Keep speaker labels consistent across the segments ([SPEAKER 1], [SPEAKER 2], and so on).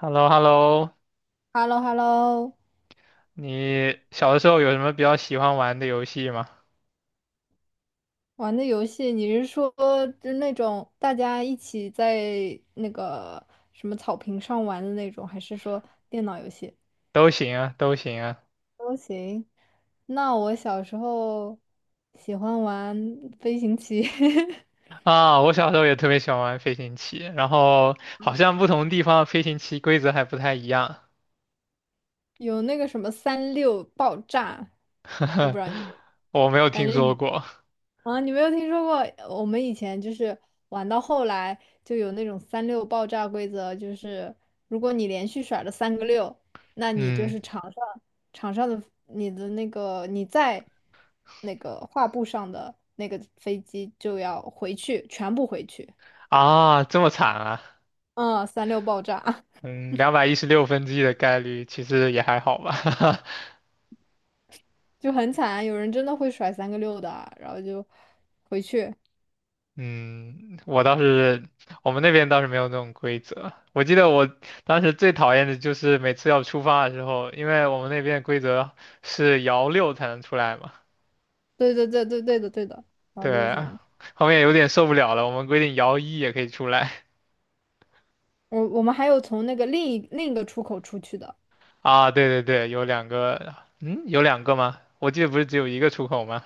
[SPEAKER 1] hello hello
[SPEAKER 2] h e l l o h e l l o
[SPEAKER 1] 你小的时候有什么比较喜欢玩的游戏吗？
[SPEAKER 2] 玩的游戏，你是说就那种大家一起在那个什么草坪上玩的那种，还是说电脑游戏？
[SPEAKER 1] 都行啊，都行啊。
[SPEAKER 2] 都行。那我小时候喜欢玩飞行棋，
[SPEAKER 1] 啊，我小时候也特别喜欢玩飞行棋，然后好像不同地方的飞行棋规则还不太一样，
[SPEAKER 2] 有那个什么三六爆炸，我不知道你，
[SPEAKER 1] 我没有
[SPEAKER 2] 反
[SPEAKER 1] 听说
[SPEAKER 2] 正。
[SPEAKER 1] 过。
[SPEAKER 2] 啊，你没有听说过？我们以前就是玩到后来就有那种三六爆炸规则，就是如果你连续甩了三个六，那你就
[SPEAKER 1] 嗯，
[SPEAKER 2] 是场上的你的那个你在那个画布上的那个飞机就要回去，全部回去。
[SPEAKER 1] 啊，这么惨啊。
[SPEAKER 2] 嗯，三六爆炸
[SPEAKER 1] 嗯，216分之一的概率，其实也还好吧。
[SPEAKER 2] 就很惨，有人真的会甩三个六的啊然后就回去。
[SPEAKER 1] 嗯，我倒是，我们那边倒是没有那种规则。我记得我当时最讨厌的就是每次要出发的时候，因为我们那边的规则是摇六才能出来嘛，
[SPEAKER 2] 对对对对对的对的，然后六
[SPEAKER 1] 对，
[SPEAKER 2] 三，
[SPEAKER 1] 后面有点受不了了，我们规定摇一也可以出来。
[SPEAKER 2] 我们还有从那个另一个出口出去的。
[SPEAKER 1] 啊。对对对，有两个，嗯，有两个吗？我记得不是只有一个出口吗？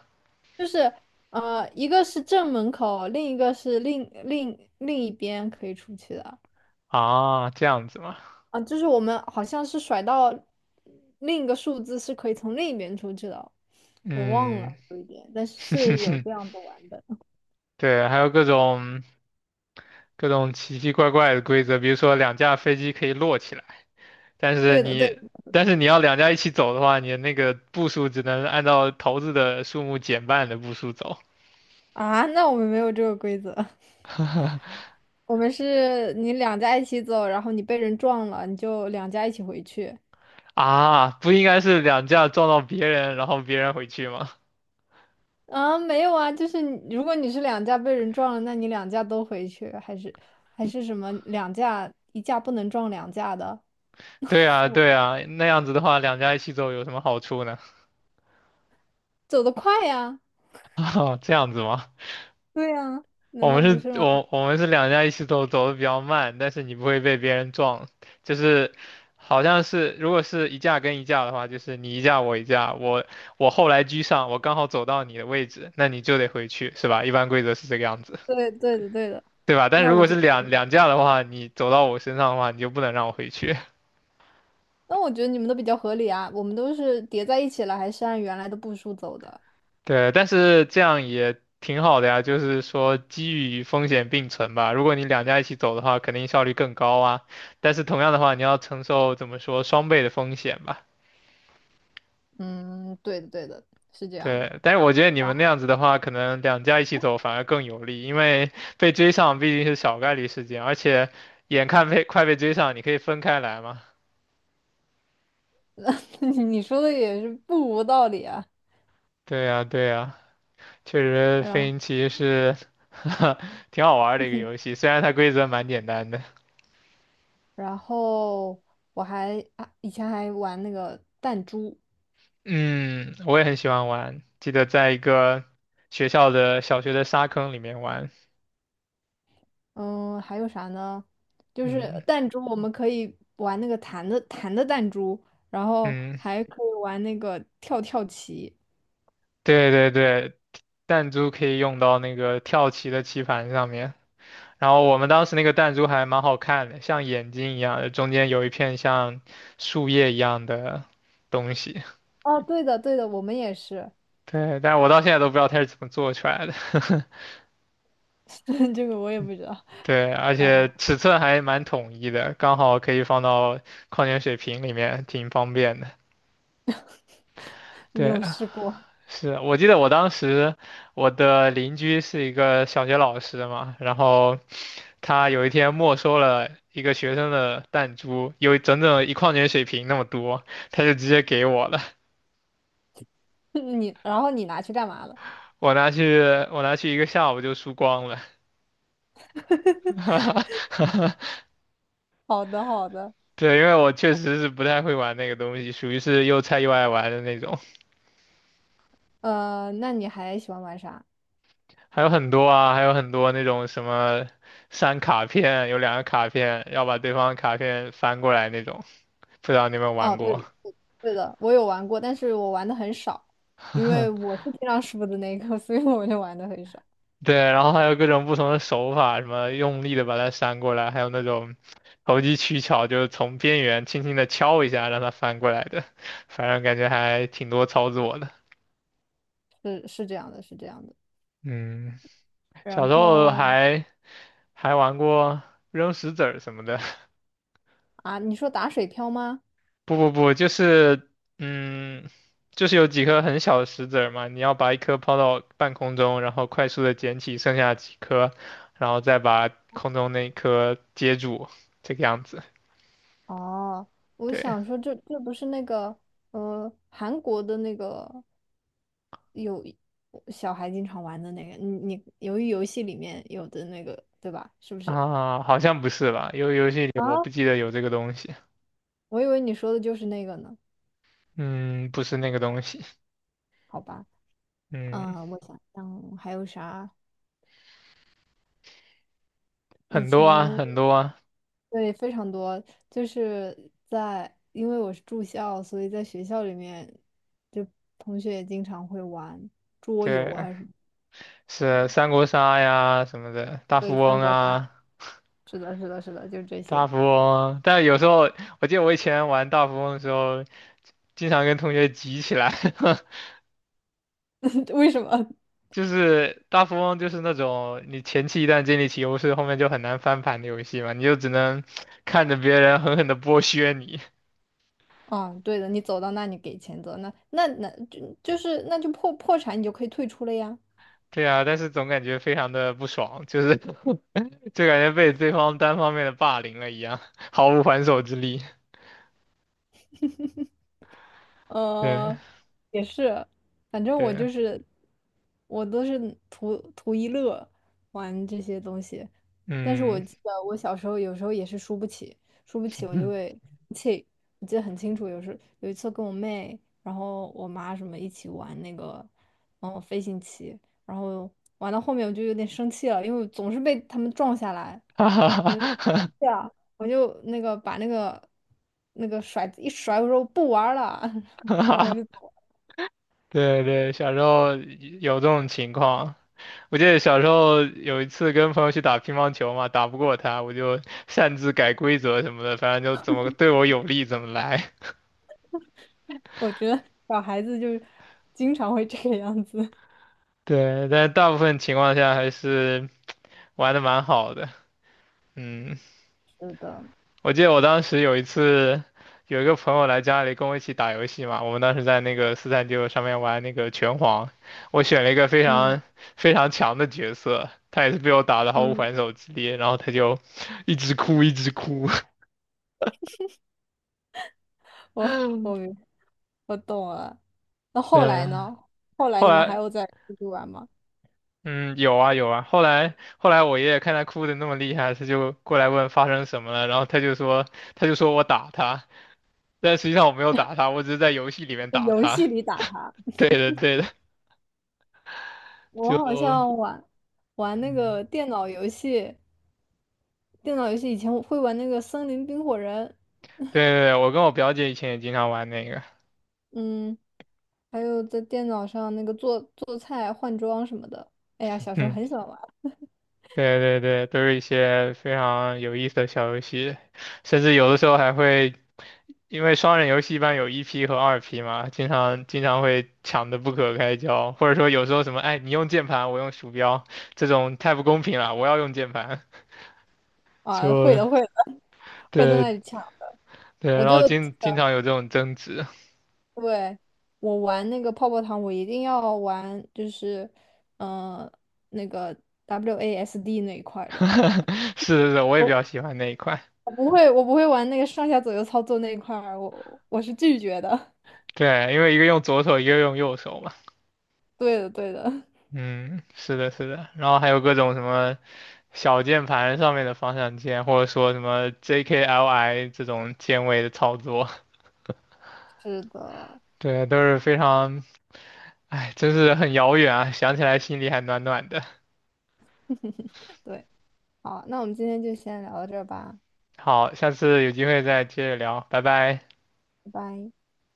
[SPEAKER 2] 一个是正门口，另一个是另一边可以出去的。
[SPEAKER 1] 啊，这样子吗？
[SPEAKER 2] 啊，就是我们好像是甩到另一个数字是可以从另一边出去的，我忘了
[SPEAKER 1] 嗯，
[SPEAKER 2] 有一点，但是有这 样子玩的。
[SPEAKER 1] 对，还有各种各种奇奇怪怪的规则，比如说两架飞机可以摞起来。但是
[SPEAKER 2] 对的，对的
[SPEAKER 1] 你但是你要两家一起走的话，你的那个步数只能按照骰子的数目减半的步数走。
[SPEAKER 2] 啊，那我们没有这个规则，我们是你两家一起走，然后你被人撞了，你就两家一起回去。
[SPEAKER 1] 啊，不应该是两家撞到别人，然后别人回去吗？
[SPEAKER 2] 啊，没有啊，就是如果你是两架被人撞了，那你两架都回去，还是什么两架一架不能撞两架的，
[SPEAKER 1] 对啊，对啊，那样子的话，两家一起走有什么好处呢？
[SPEAKER 2] 走得快呀，
[SPEAKER 1] 啊，这样子吗？
[SPEAKER 2] 对呀，
[SPEAKER 1] 我
[SPEAKER 2] 难道
[SPEAKER 1] 们
[SPEAKER 2] 不是
[SPEAKER 1] 是，
[SPEAKER 2] 吗？
[SPEAKER 1] 我们是两家一起走，走的比较慢，但是你不会被别人撞，就是好像是如果是一架跟一架的话，就是你一架我一架，我我后来居上，我刚好走到你的位置，那你就得回去，是吧？一般规则是这个样子，
[SPEAKER 2] 对对的对的，
[SPEAKER 1] 对吧？但
[SPEAKER 2] 那
[SPEAKER 1] 如
[SPEAKER 2] 我
[SPEAKER 1] 果是
[SPEAKER 2] 就
[SPEAKER 1] 两架的话，你走到我身上的话，你就不能让我回去。
[SPEAKER 2] 那我觉得你们都比较合理啊，我们都是叠在一起了，还是按原来的步数走的？
[SPEAKER 1] 对，但是这样也挺好的呀，就是说机遇与风险并存吧。如果你两家一起走的话，肯定效率更高啊。但是同样的话，你要承受怎么说双倍的风险吧。
[SPEAKER 2] 嗯，对的对的，是这样的。
[SPEAKER 1] 对，但是我觉得你
[SPEAKER 2] 啊，
[SPEAKER 1] 们那样子的话，可能两家一起走反而更有利，因为被追上毕竟是小概率事件，而且眼看被快被追上，你可以分开来嘛。
[SPEAKER 2] 你说的也是不无道理啊。
[SPEAKER 1] 对呀，对呀，确实飞
[SPEAKER 2] 然
[SPEAKER 1] 行棋是 挺好玩儿的一个游戏，虽然它规则蛮简单的。
[SPEAKER 2] 然后我还啊，以前还玩那个弹珠。
[SPEAKER 1] 嗯，我也很喜欢玩，记得在一个学校的小学的沙坑里面玩。
[SPEAKER 2] 嗯，还有啥呢？就
[SPEAKER 1] 嗯
[SPEAKER 2] 是弹珠，我们可以玩那个弹的弹珠，然后
[SPEAKER 1] 嗯，
[SPEAKER 2] 还可以玩那个跳跳棋。
[SPEAKER 1] 对对对，弹珠可以用到那个跳棋的棋盘上面。然后我们当时那个弹珠还蛮好看的，像眼睛一样的，中间有一片像树叶一样的东西。
[SPEAKER 2] 哦，对的，对的，我们也是。
[SPEAKER 1] 对，但是我到现在都不知道它是怎么做出来的。
[SPEAKER 2] 这个我也不知道，
[SPEAKER 1] 对，而且尺寸还蛮统一的，刚好可以放到矿泉水瓶里面，挺方便的。
[SPEAKER 2] 你
[SPEAKER 1] 对，
[SPEAKER 2] 有试过？
[SPEAKER 1] 是，我记得我当时我的邻居是一个小学老师嘛，然后他有一天没收了一个学生的弹珠，有整整一矿泉水瓶那么多，他就直接给我了，
[SPEAKER 2] 你，然后你拿去干嘛了？
[SPEAKER 1] 我拿去我拿去一个下午就输光了，
[SPEAKER 2] 好的，好的。
[SPEAKER 1] 对，因为我确实是不太会玩那个东西，属于是又菜又爱玩的那种，
[SPEAKER 2] 那你还喜欢玩啥？
[SPEAKER 1] 还有很多啊，还有很多那种什么删卡片，有两个卡片要把对方的卡片翻过来那种，不知道你有没有
[SPEAKER 2] 哦，
[SPEAKER 1] 玩
[SPEAKER 2] 对
[SPEAKER 1] 过。
[SPEAKER 2] 的，对的，我有玩过，但是我玩的很少，因为我是经常输的那个，所以我就玩的很少。
[SPEAKER 1] 对，然后还有各种不同的手法，什么用力的把它扇过来，还有那种投机取巧，就是从边缘轻轻的敲一下让它翻过来的，反正感觉还挺多操作的。
[SPEAKER 2] 是这样的是这样的。
[SPEAKER 1] 嗯，
[SPEAKER 2] 然
[SPEAKER 1] 小时候
[SPEAKER 2] 后。
[SPEAKER 1] 还玩过扔石子儿什么的，
[SPEAKER 2] 啊，你说打水漂吗？
[SPEAKER 1] 不不不，就是嗯，就是有几颗很小的石子儿嘛，你要把一颗抛到半空中，然后快速的捡起剩下几颗，然后再把空中那一颗接住，这个样子。
[SPEAKER 2] 哦，我
[SPEAKER 1] 对。
[SPEAKER 2] 想说这不是那个韩国的那个有小孩经常玩的那个，你由于游戏里面有的那个对吧？是不是？
[SPEAKER 1] 啊，好像不是吧？游戏里
[SPEAKER 2] 啊，
[SPEAKER 1] 我不记得有这个东西。
[SPEAKER 2] 我以为你说的就是那个呢。
[SPEAKER 1] 嗯，不是那个东西。
[SPEAKER 2] 好吧，
[SPEAKER 1] 嗯，
[SPEAKER 2] 嗯，我想想还有啥？以
[SPEAKER 1] 很多啊，
[SPEAKER 2] 前
[SPEAKER 1] 很多啊。
[SPEAKER 2] 对非常多，就是在因为我是住校，所以在学校里面就同学也经常会玩桌游
[SPEAKER 1] 对，
[SPEAKER 2] 啊什么，
[SPEAKER 1] 是三国杀呀什么的，大
[SPEAKER 2] 对
[SPEAKER 1] 富
[SPEAKER 2] 三
[SPEAKER 1] 翁
[SPEAKER 2] 国杀。
[SPEAKER 1] 啊，
[SPEAKER 2] 是的，是的，是的，就这
[SPEAKER 1] 大
[SPEAKER 2] 些。
[SPEAKER 1] 富翁啊。但有时候我记得我以前玩大富翁的时候，经常跟同学急起来。
[SPEAKER 2] 为什么？
[SPEAKER 1] 就是大富翁就是那种你前期一旦建立起优势，后面就很难翻盘的游戏嘛，你就只能看着别人狠狠的剥削你。
[SPEAKER 2] 嗯，对的，你走到那，里给钱走，那就是那就破产，你就可以退出了呀。
[SPEAKER 1] 对啊，但是总感觉非常的不爽，就是 就感觉被对方单方面的霸凌了一样，毫无还手之力。对
[SPEAKER 2] 呃，也是，反正我
[SPEAKER 1] 对，
[SPEAKER 2] 就是我都是图一乐玩这些东西，但是我
[SPEAKER 1] 嗯，
[SPEAKER 2] 记得我小时候有时候也是输不起，输不起我就 会生气。我记得很清楚，有一次跟我妹，然后我妈什么一起玩那个飞行棋，然后玩到后面我就有点生气了，因为我总是被他们撞下来。
[SPEAKER 1] 哈哈
[SPEAKER 2] 我就
[SPEAKER 1] 哈哈
[SPEAKER 2] 生气了，我就那个把那个甩子一甩，我说我不玩儿了，
[SPEAKER 1] 哈
[SPEAKER 2] 然后我就
[SPEAKER 1] 哈
[SPEAKER 2] 走了。
[SPEAKER 1] 对对，小时候有这种情况。我记得小时候有一次跟朋友去打乒乓球嘛，打不过他，我就擅自改规则什么的，反正就怎么对我有利怎么来。
[SPEAKER 2] 我觉得小孩子就是经常会这个样子。
[SPEAKER 1] 对，但大部分情况下还是玩的蛮好的。嗯。
[SPEAKER 2] 是的，
[SPEAKER 1] 我记得我当时有一次，有一个朋友来家里跟我一起打游戏嘛，我们当时在那个4399上面玩那个拳皇，我选了一个非
[SPEAKER 2] 嗯
[SPEAKER 1] 常非常强的角色，他也是被我打得毫无
[SPEAKER 2] 嗯，
[SPEAKER 1] 还手之力，然后他就 一直哭一直哭，
[SPEAKER 2] 我我明我懂了。那 后
[SPEAKER 1] 对，
[SPEAKER 2] 来呢？后来
[SPEAKER 1] 后
[SPEAKER 2] 你们还
[SPEAKER 1] 来
[SPEAKER 2] 有在出去玩吗？
[SPEAKER 1] 嗯有啊有啊，后来我爷爷看他哭的那么厉害，他就过来问发生什么了，然后他就说他就说我打他，但实际上我没有打他，我只是在游戏里面
[SPEAKER 2] 在
[SPEAKER 1] 打
[SPEAKER 2] 游
[SPEAKER 1] 他，
[SPEAKER 2] 戏里打他。
[SPEAKER 1] 对的对的，
[SPEAKER 2] 我好
[SPEAKER 1] 就
[SPEAKER 2] 像玩那
[SPEAKER 1] 嗯。
[SPEAKER 2] 个电脑游戏，电脑游戏以前我会玩那个《森林冰火人》，
[SPEAKER 1] 对对对，我跟我表姐以前也经常玩那个，
[SPEAKER 2] 嗯。还有在电脑上那个做做菜、换装什么的。哎呀，小时候
[SPEAKER 1] 嗯，
[SPEAKER 2] 很喜欢玩
[SPEAKER 1] 对对对，都是一些非常有意思的小游戏，甚至有的时候还会，因为双人游戏一般有1P 和 2P 嘛，经常会抢得不可开交，或者说有时候什么，哎，你用键盘，我用鼠标，这种太不公平了，我要用键盘，
[SPEAKER 2] 啊，会
[SPEAKER 1] 就
[SPEAKER 2] 的会的，会在
[SPEAKER 1] 对
[SPEAKER 2] 那里抢。
[SPEAKER 1] 对，
[SPEAKER 2] 我
[SPEAKER 1] 然
[SPEAKER 2] 就
[SPEAKER 1] 后经常有这种争执，
[SPEAKER 2] 对我玩那个泡泡糖，我一定要玩，就是嗯、呃那个 WASD 那一块儿的。
[SPEAKER 1] 是是是，我也比
[SPEAKER 2] 我
[SPEAKER 1] 较喜欢那一块，
[SPEAKER 2] 我不会我不会玩那个上下左右操作那一块儿，我是拒绝的。
[SPEAKER 1] 对，因为一个用左手，一个用右手嘛。
[SPEAKER 2] 对的，对的，
[SPEAKER 1] 嗯，是的，是的，然后还有各种什么小键盘上面的方向键，或者说什么 JKLI 这种键位的操作，
[SPEAKER 2] 是的，
[SPEAKER 1] 对，都是非常，哎，真是很遥远啊，想起来心里还暖暖的。
[SPEAKER 2] 对。好，那我们今天就先聊到这儿吧，
[SPEAKER 1] 好，下次有机会再接着聊，拜拜。
[SPEAKER 2] 拜拜。